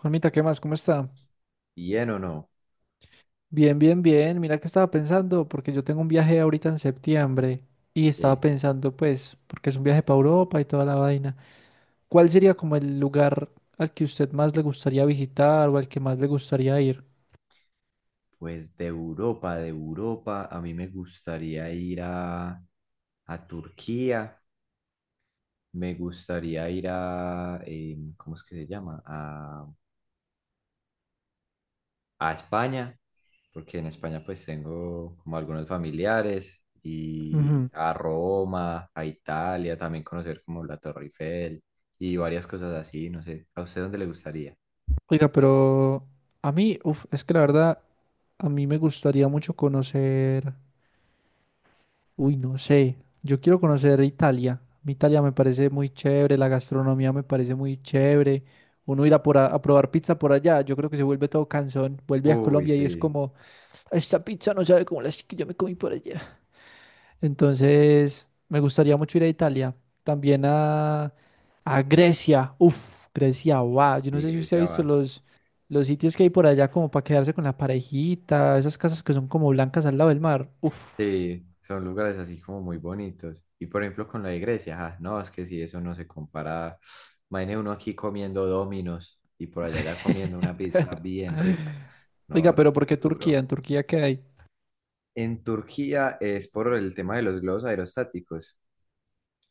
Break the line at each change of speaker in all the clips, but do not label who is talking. Juanmita, ¿qué más? ¿Cómo está?
Bien o no.
Bien, bien, bien. Mira que estaba pensando, porque yo tengo un viaje ahorita en septiembre y estaba
Sí.
pensando, pues, porque es un viaje para Europa y toda la vaina. ¿Cuál sería como el lugar al que usted más le gustaría visitar o al que más le gustaría ir?
Pues de Europa, a mí me gustaría ir a Turquía, me gustaría ir a, ¿cómo es que se llama? A España, porque en España pues tengo como algunos familiares, y
Ujú.
a Roma, a Italia, también conocer como la Torre Eiffel y varias cosas así, no sé. ¿A usted dónde le gustaría?
Oiga, pero a mí, uf, es que la verdad, a mí me gustaría mucho conocer. Uy, no sé. Yo quiero conocer Italia. Mi Italia me parece muy chévere, la gastronomía me parece muy chévere. Uno irá por a probar pizza por allá, yo creo que se vuelve todo cansón. Vuelve a
Uy,
Colombia y es
sí,
como, esta pizza no sabe como las que yo me comí por allá. Entonces, me gustaría mucho ir a Italia. También a Grecia. Uf, Grecia, wow. Yo no
sí,
sé si usted ha
Grecia va.
visto los sitios que hay por allá como para quedarse con la parejita, esas casas que son como blancas al lado del mar. Uf.
Sí, son lugares así como muy bonitos. Y por ejemplo con la iglesia, ah, no, es que si eso no se compara. Imagine uno aquí comiendo Domino's y por allá ya comiendo una pizza bien rica.
Oiga,
No,
pero
no,
¿por
muy
qué Turquía? ¿En
duro.
Turquía qué hay?
En Turquía es por el tema de los globos aerostáticos.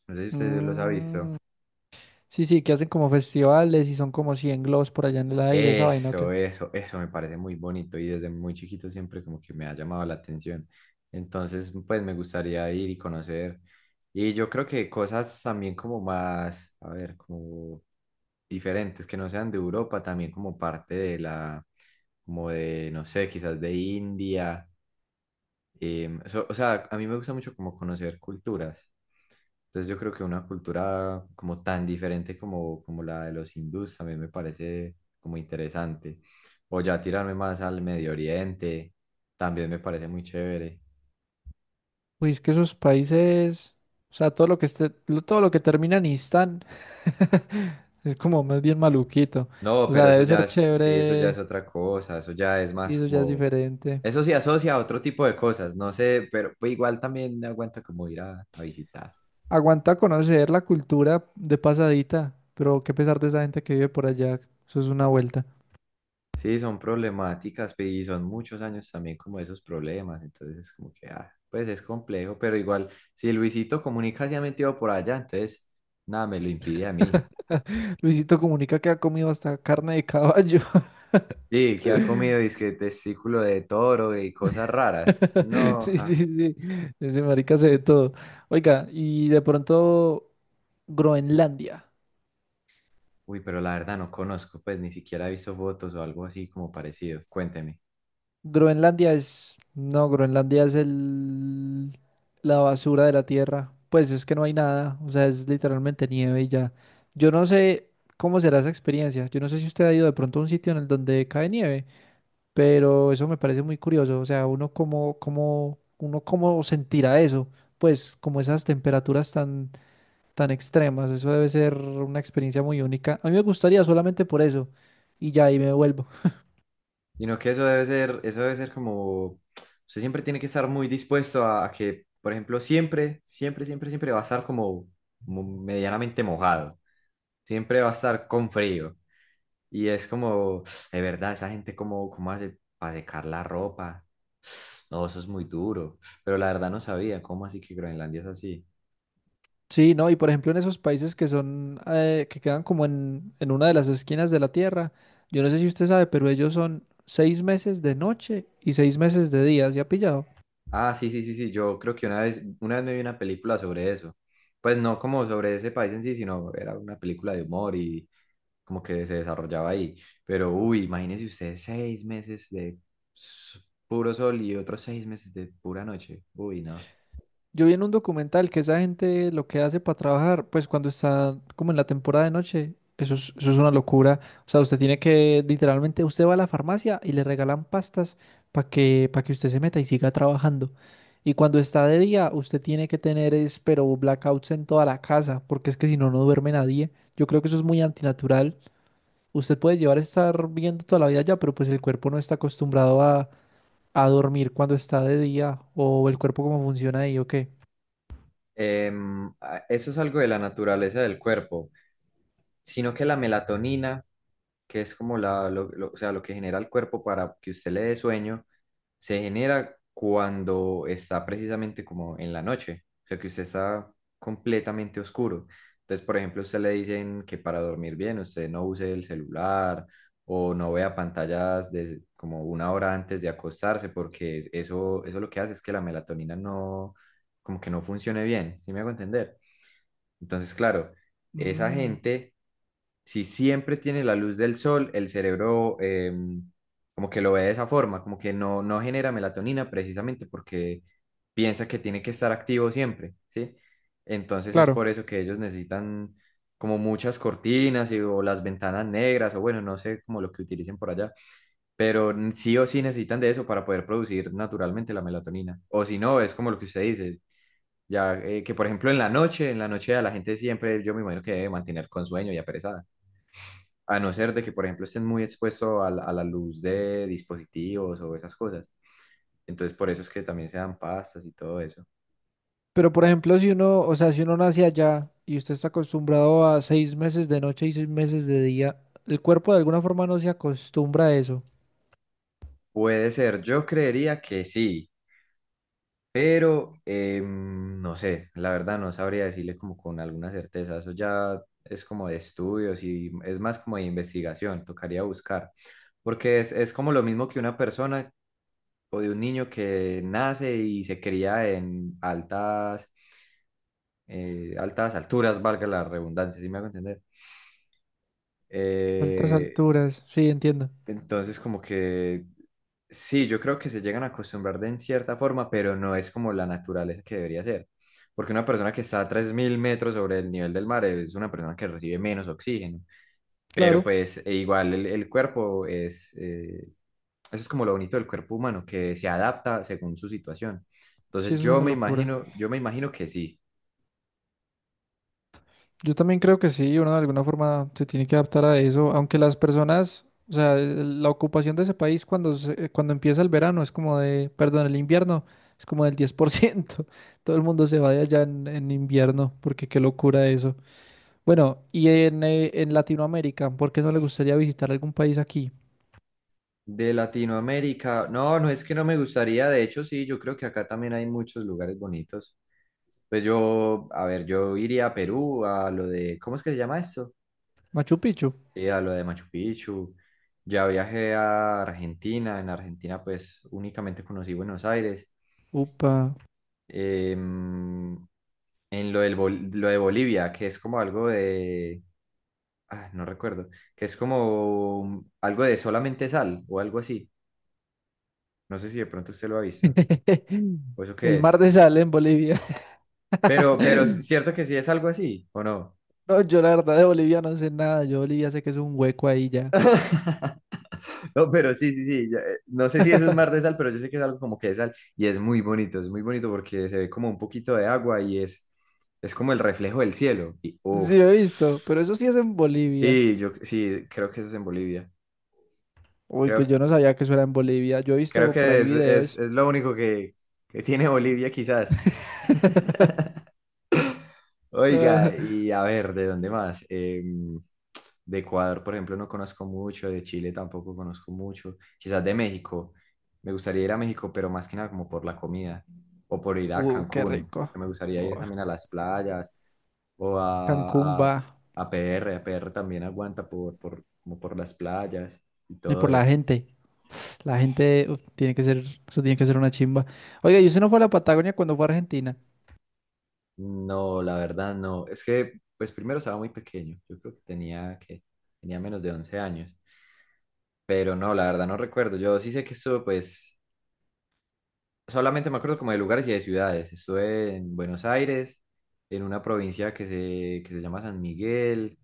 No sé si usted los ha visto.
Mm, sí, sí, que hacen como festivales y son como 100 globos por allá en el aire, esa vaina, ¿o
Eso,
qué?
eso, eso me parece muy bonito y desde muy chiquito siempre como que me ha llamado la atención. Entonces, pues me gustaría ir y conocer. Y yo creo que cosas también como más, a ver, como diferentes, que no sean de Europa, también como parte de la, como de, no sé, quizás de India. O sea, a mí me gusta mucho como conocer culturas. Entonces yo creo que una cultura como tan diferente como, como la de los hindús también me parece como interesante. O ya tirarme más al Medio Oriente, también me parece muy chévere.
Pues es que esos países, o sea, todo lo que esté, todo lo que termina en Istán es como más bien maluquito.
No,
O sea,
pero eso
debe
ya
ser
es, sí, eso ya es
chévere
otra cosa, eso ya es
y
más
eso ya es
como,
diferente.
eso sí asocia a otro tipo de cosas, no sé, pero pues, igual también me aguanta como ir a visitar.
Aguanta conocer la cultura de pasadita, pero qué pesar de esa gente que vive por allá, eso es una vuelta.
Sí, son problemáticas y son muchos años también como esos problemas, entonces es como que, ah, pues es complejo, pero igual, si Luisito Comunica se ha metido por allá, entonces nada me lo impide a mí.
Luisito Comunica que ha comido hasta carne de caballo.
Sí, que ha comido Disque testículo de toro y cosas raras. No,
Sí, sí,
ja.
sí. Ese marica se ve todo. Oiga, y de pronto Groenlandia.
Uy, pero la verdad no conozco, pues ni siquiera he visto fotos o algo así como parecido. Cuénteme.
Groenlandia es... No, Groenlandia es el... la basura de la tierra. Pues es que no hay nada. O sea, es literalmente nieve y ya. Yo no sé cómo será esa experiencia. Yo no sé si usted ha ido de pronto a un sitio en el donde cae nieve. Pero eso me parece muy curioso, o sea, uno cómo sentirá eso, pues como esas temperaturas tan extremas, eso debe ser una experiencia muy única. A mí me gustaría solamente por eso y ya ahí me vuelvo.
Sino que eso debe ser como, usted siempre tiene que estar muy dispuesto a que, por ejemplo, siempre, siempre, siempre, siempre va a estar como medianamente mojado, siempre va a estar con frío. Y es como, de verdad, esa gente cómo, cómo hace para secar la ropa. No, eso es muy duro. Pero la verdad no sabía, ¿cómo así que Groenlandia es así?
Sí, no, y por ejemplo en esos países que quedan como en una de las esquinas de la Tierra, yo no sé si usted sabe, pero ellos son 6 meses de noche y 6 meses de día, ¿se ha pillado?
Ah, sí, sí, sí, sí, yo creo que una vez me vi una película sobre eso. Pues no como sobre ese país en sí, sino era una película de humor y como que se desarrollaba ahí. Pero, uy, imagínense ustedes seis meses de s- puro sol y otros seis meses de pura noche. Uy, no.
Yo vi en un documental que esa gente lo que hace para trabajar, pues cuando está como en la temporada de noche, eso es una locura. O sea, usted tiene que, literalmente, usted va a la farmacia y le regalan pastas para que usted se meta y siga trabajando. Y cuando está de día, usted tiene que pero blackouts en toda la casa, porque es que si no, no duerme nadie. Yo creo que eso es muy antinatural. Usted puede llevar a estar viendo toda la vida ya, pero pues el cuerpo no está acostumbrado a dormir cuando está de día, o el cuerpo cómo funciona ahí, ¿o qué?
Eso es algo de la naturaleza del cuerpo, sino que la melatonina que es como o sea, lo que genera el cuerpo para que usted le dé sueño, se genera cuando está precisamente como en la noche, o sea, que usted está completamente oscuro. Entonces, por ejemplo, a usted le dicen que para dormir bien usted no use el celular o no vea pantallas de, como una hora antes de acostarse, porque eso lo que hace es que la melatonina no, como que no funcione bien, ¿sí me hago entender? Entonces, claro, esa
Mm,
gente si siempre tiene la luz del sol, el cerebro como que lo ve de esa forma, como que no, no genera melatonina precisamente porque piensa que tiene que estar activo siempre, ¿sí? Entonces es
claro,
por eso que ellos necesitan como muchas cortinas y, o las ventanas negras o bueno, no sé como lo que utilicen por allá, pero sí o sí necesitan de eso para poder producir naturalmente la melatonina. O si no, es como lo que usted dice, ya que por ejemplo en la noche a la gente siempre, yo me imagino que debe mantener con sueño y aperezada. A no ser de que, por ejemplo, estén muy expuestos a la luz de dispositivos o esas cosas. Entonces, por eso es que también se dan pastas y todo eso.
pero por ejemplo, si uno, o sea, si uno nace allá y usted está acostumbrado a 6 meses de noche y 6 meses de día, el cuerpo de alguna forma no se acostumbra a eso.
Puede ser, yo creería que sí, pero no sé, la verdad no sabría decirle como con alguna certeza. Eso ya es como de estudios y es más como de investigación, tocaría buscar. Porque es como lo mismo que una persona o de un niño que nace y se cría en altas, altas alturas, valga la redundancia, ¿sí me hago entender?
Altas
Eh,
alturas, sí, entiendo.
entonces, como que sí, yo creo que se llegan a acostumbrar de en cierta forma, pero no es como la naturaleza que debería ser. Porque una persona que está a 3.000 metros sobre el nivel del mar es una persona que recibe menos oxígeno.
Claro,
Pero pues e igual el cuerpo es, eso es como lo bonito del cuerpo humano, que se adapta según su situación.
sí,
Entonces
eso es una locura.
yo me imagino que sí.
Yo también creo que sí, uno de alguna forma se tiene que adaptar a eso, aunque las personas, o sea, la ocupación de ese país cuando empieza el verano es como de, perdón, el invierno es como del 10%. Todo el mundo se va de allá en invierno, porque qué locura eso. Bueno, y en Latinoamérica, ¿por qué no le gustaría visitar algún país aquí?
De Latinoamérica, no, no es que no me gustaría, de hecho sí, yo creo que acá también hay muchos lugares bonitos. Pues yo, a ver, yo iría a Perú, a lo de, ¿cómo es que se llama esto?
Machu Picchu.
Sí, a lo de Machu Picchu. Ya viajé a Argentina, en Argentina pues únicamente conocí Buenos Aires.
Upa.
Em, en lo, del Bol- Lo de Bolivia, que es como algo de, ah, no recuerdo, que es como algo de solamente sal o algo así. No sé si de pronto usted lo ha visto, o eso qué
El mar
es.
de sal en Bolivia.
Pero es cierto que sí es algo así, ¿o no?
No, yo la verdad de Bolivia no sé nada. Yo Bolivia sé que es un hueco ahí ya.
No, pero sí, sí, sí. Ya, no sé si eso es mar de sal, pero yo sé que es algo como que de sal y es muy bonito porque se ve como un poquito de agua y es como el reflejo del cielo. Y uff.
Sí, he visto, pero eso sí es en Bolivia.
Sí, yo sí, creo que eso es en Bolivia.
Uy, pues
Creo,
yo no sabía que eso era en Bolivia. Yo he
creo
visto por
que
ahí videos.
es lo único que tiene Bolivia quizás. Oiga,
Ah,
y a ver, ¿de dónde más? De Ecuador, por ejemplo, no conozco mucho, de Chile tampoco conozco mucho, quizás de México. Me gustaría ir a México, pero más que nada como por la comida o por ir a
uh, qué
Cancún,
rico.
porque me gustaría
Oh,
ir también a las playas o
Cancún va.
a PR. A PR también aguanta como por las playas y
No, y
todo
por la
eso.
gente. La gente uf, tiene que ser, eso tiene que ser una chimba. Oiga, ¿y usted no fue a la Patagonia cuando fue a Argentina?
No, la verdad no. Es que, pues primero estaba muy pequeño. Yo creo que tenía menos de 11 años. Pero no, la verdad no recuerdo. Yo sí sé que estuve pues solamente me acuerdo como de lugares y de ciudades. Estuve en Buenos Aires, en una provincia que se llama San Miguel,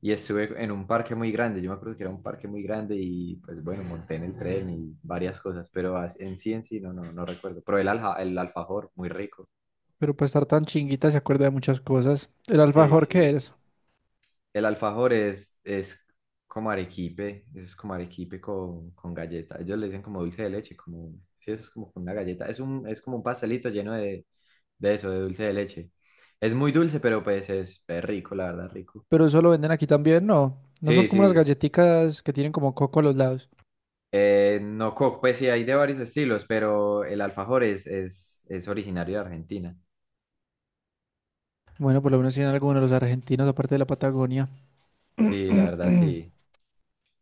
y estuve en un parque muy grande. Yo me acuerdo que era un parque muy grande y pues bueno, monté en el tren y varias cosas, pero en sí no, no, no recuerdo. Pero el alfajor, muy rico.
Pero para estar tan chinguita se acuerda de muchas cosas. El
Sí,
alfajor, que
sí.
es?
El alfajor es como arequipe, eso es como arequipe con galleta. Ellos le dicen como dulce de leche, como, sí, eso es como con una galleta. Es un, es como un pastelito lleno de eso, de dulce de leche. Es muy dulce, pero pues es rico, la verdad, rico.
Pero eso lo venden aquí también, ¿no? ¿No son
Sí,
como unas
sí.
galletitas que tienen como coco a los lados?
No, pues sí, hay de varios estilos, pero el alfajor es originario de Argentina.
Bueno, por lo menos tienen algunos los argentinos, aparte de la Patagonia.
Sí, la verdad, sí.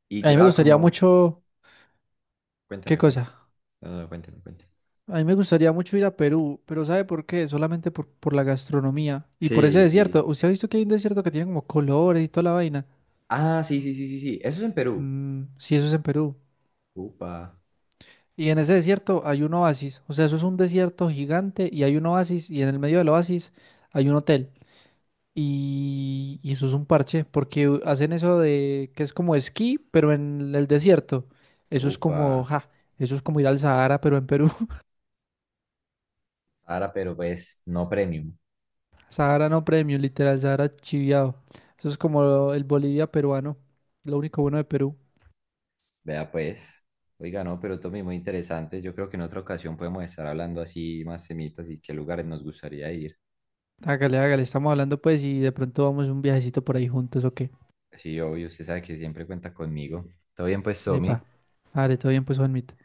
Y
A mí me
ya
gustaría
como,
mucho... ¿Qué
cuénteme, cuénteme.
cosa?
No, no, cuénteme, cuénteme.
A mí me gustaría mucho ir a Perú, pero ¿sabe por qué? Solamente por la gastronomía y por ese
Sí, sí.
desierto. ¿Usted ha visto que hay un desierto que tiene como colores y toda la vaina?
Ah, sí, sí, sí, sí, sí. Eso es en Perú.
Mm, sí, eso es en Perú.
Upa.
Y en ese desierto hay un oasis. O sea, eso es un desierto gigante y hay un oasis y en el medio del oasis hay un hotel. Y eso es un parche porque hacen eso de que es como esquí, pero en el desierto. Eso es como,
Upa,
ja, eso es como ir al Sahara, pero en Perú.
Sara, pero pues no premium.
Sahara no premium, literal, Sahara chiviado. Eso es como el Bolivia peruano. Lo único bueno de Perú.
Vea pues. Oiga, no, pero Tommy, muy interesante. Yo creo que en otra ocasión podemos estar hablando así más semitas y qué lugares nos gustaría ir.
Hágale, hágale, estamos hablando pues y de pronto vamos un viajecito por ahí juntos, ¿o qué?
Sí, obvio, usted sabe que siempre cuenta conmigo. Todo bien, pues,
Epa.
Tommy.
Vale, todo bien pues, Juanmita.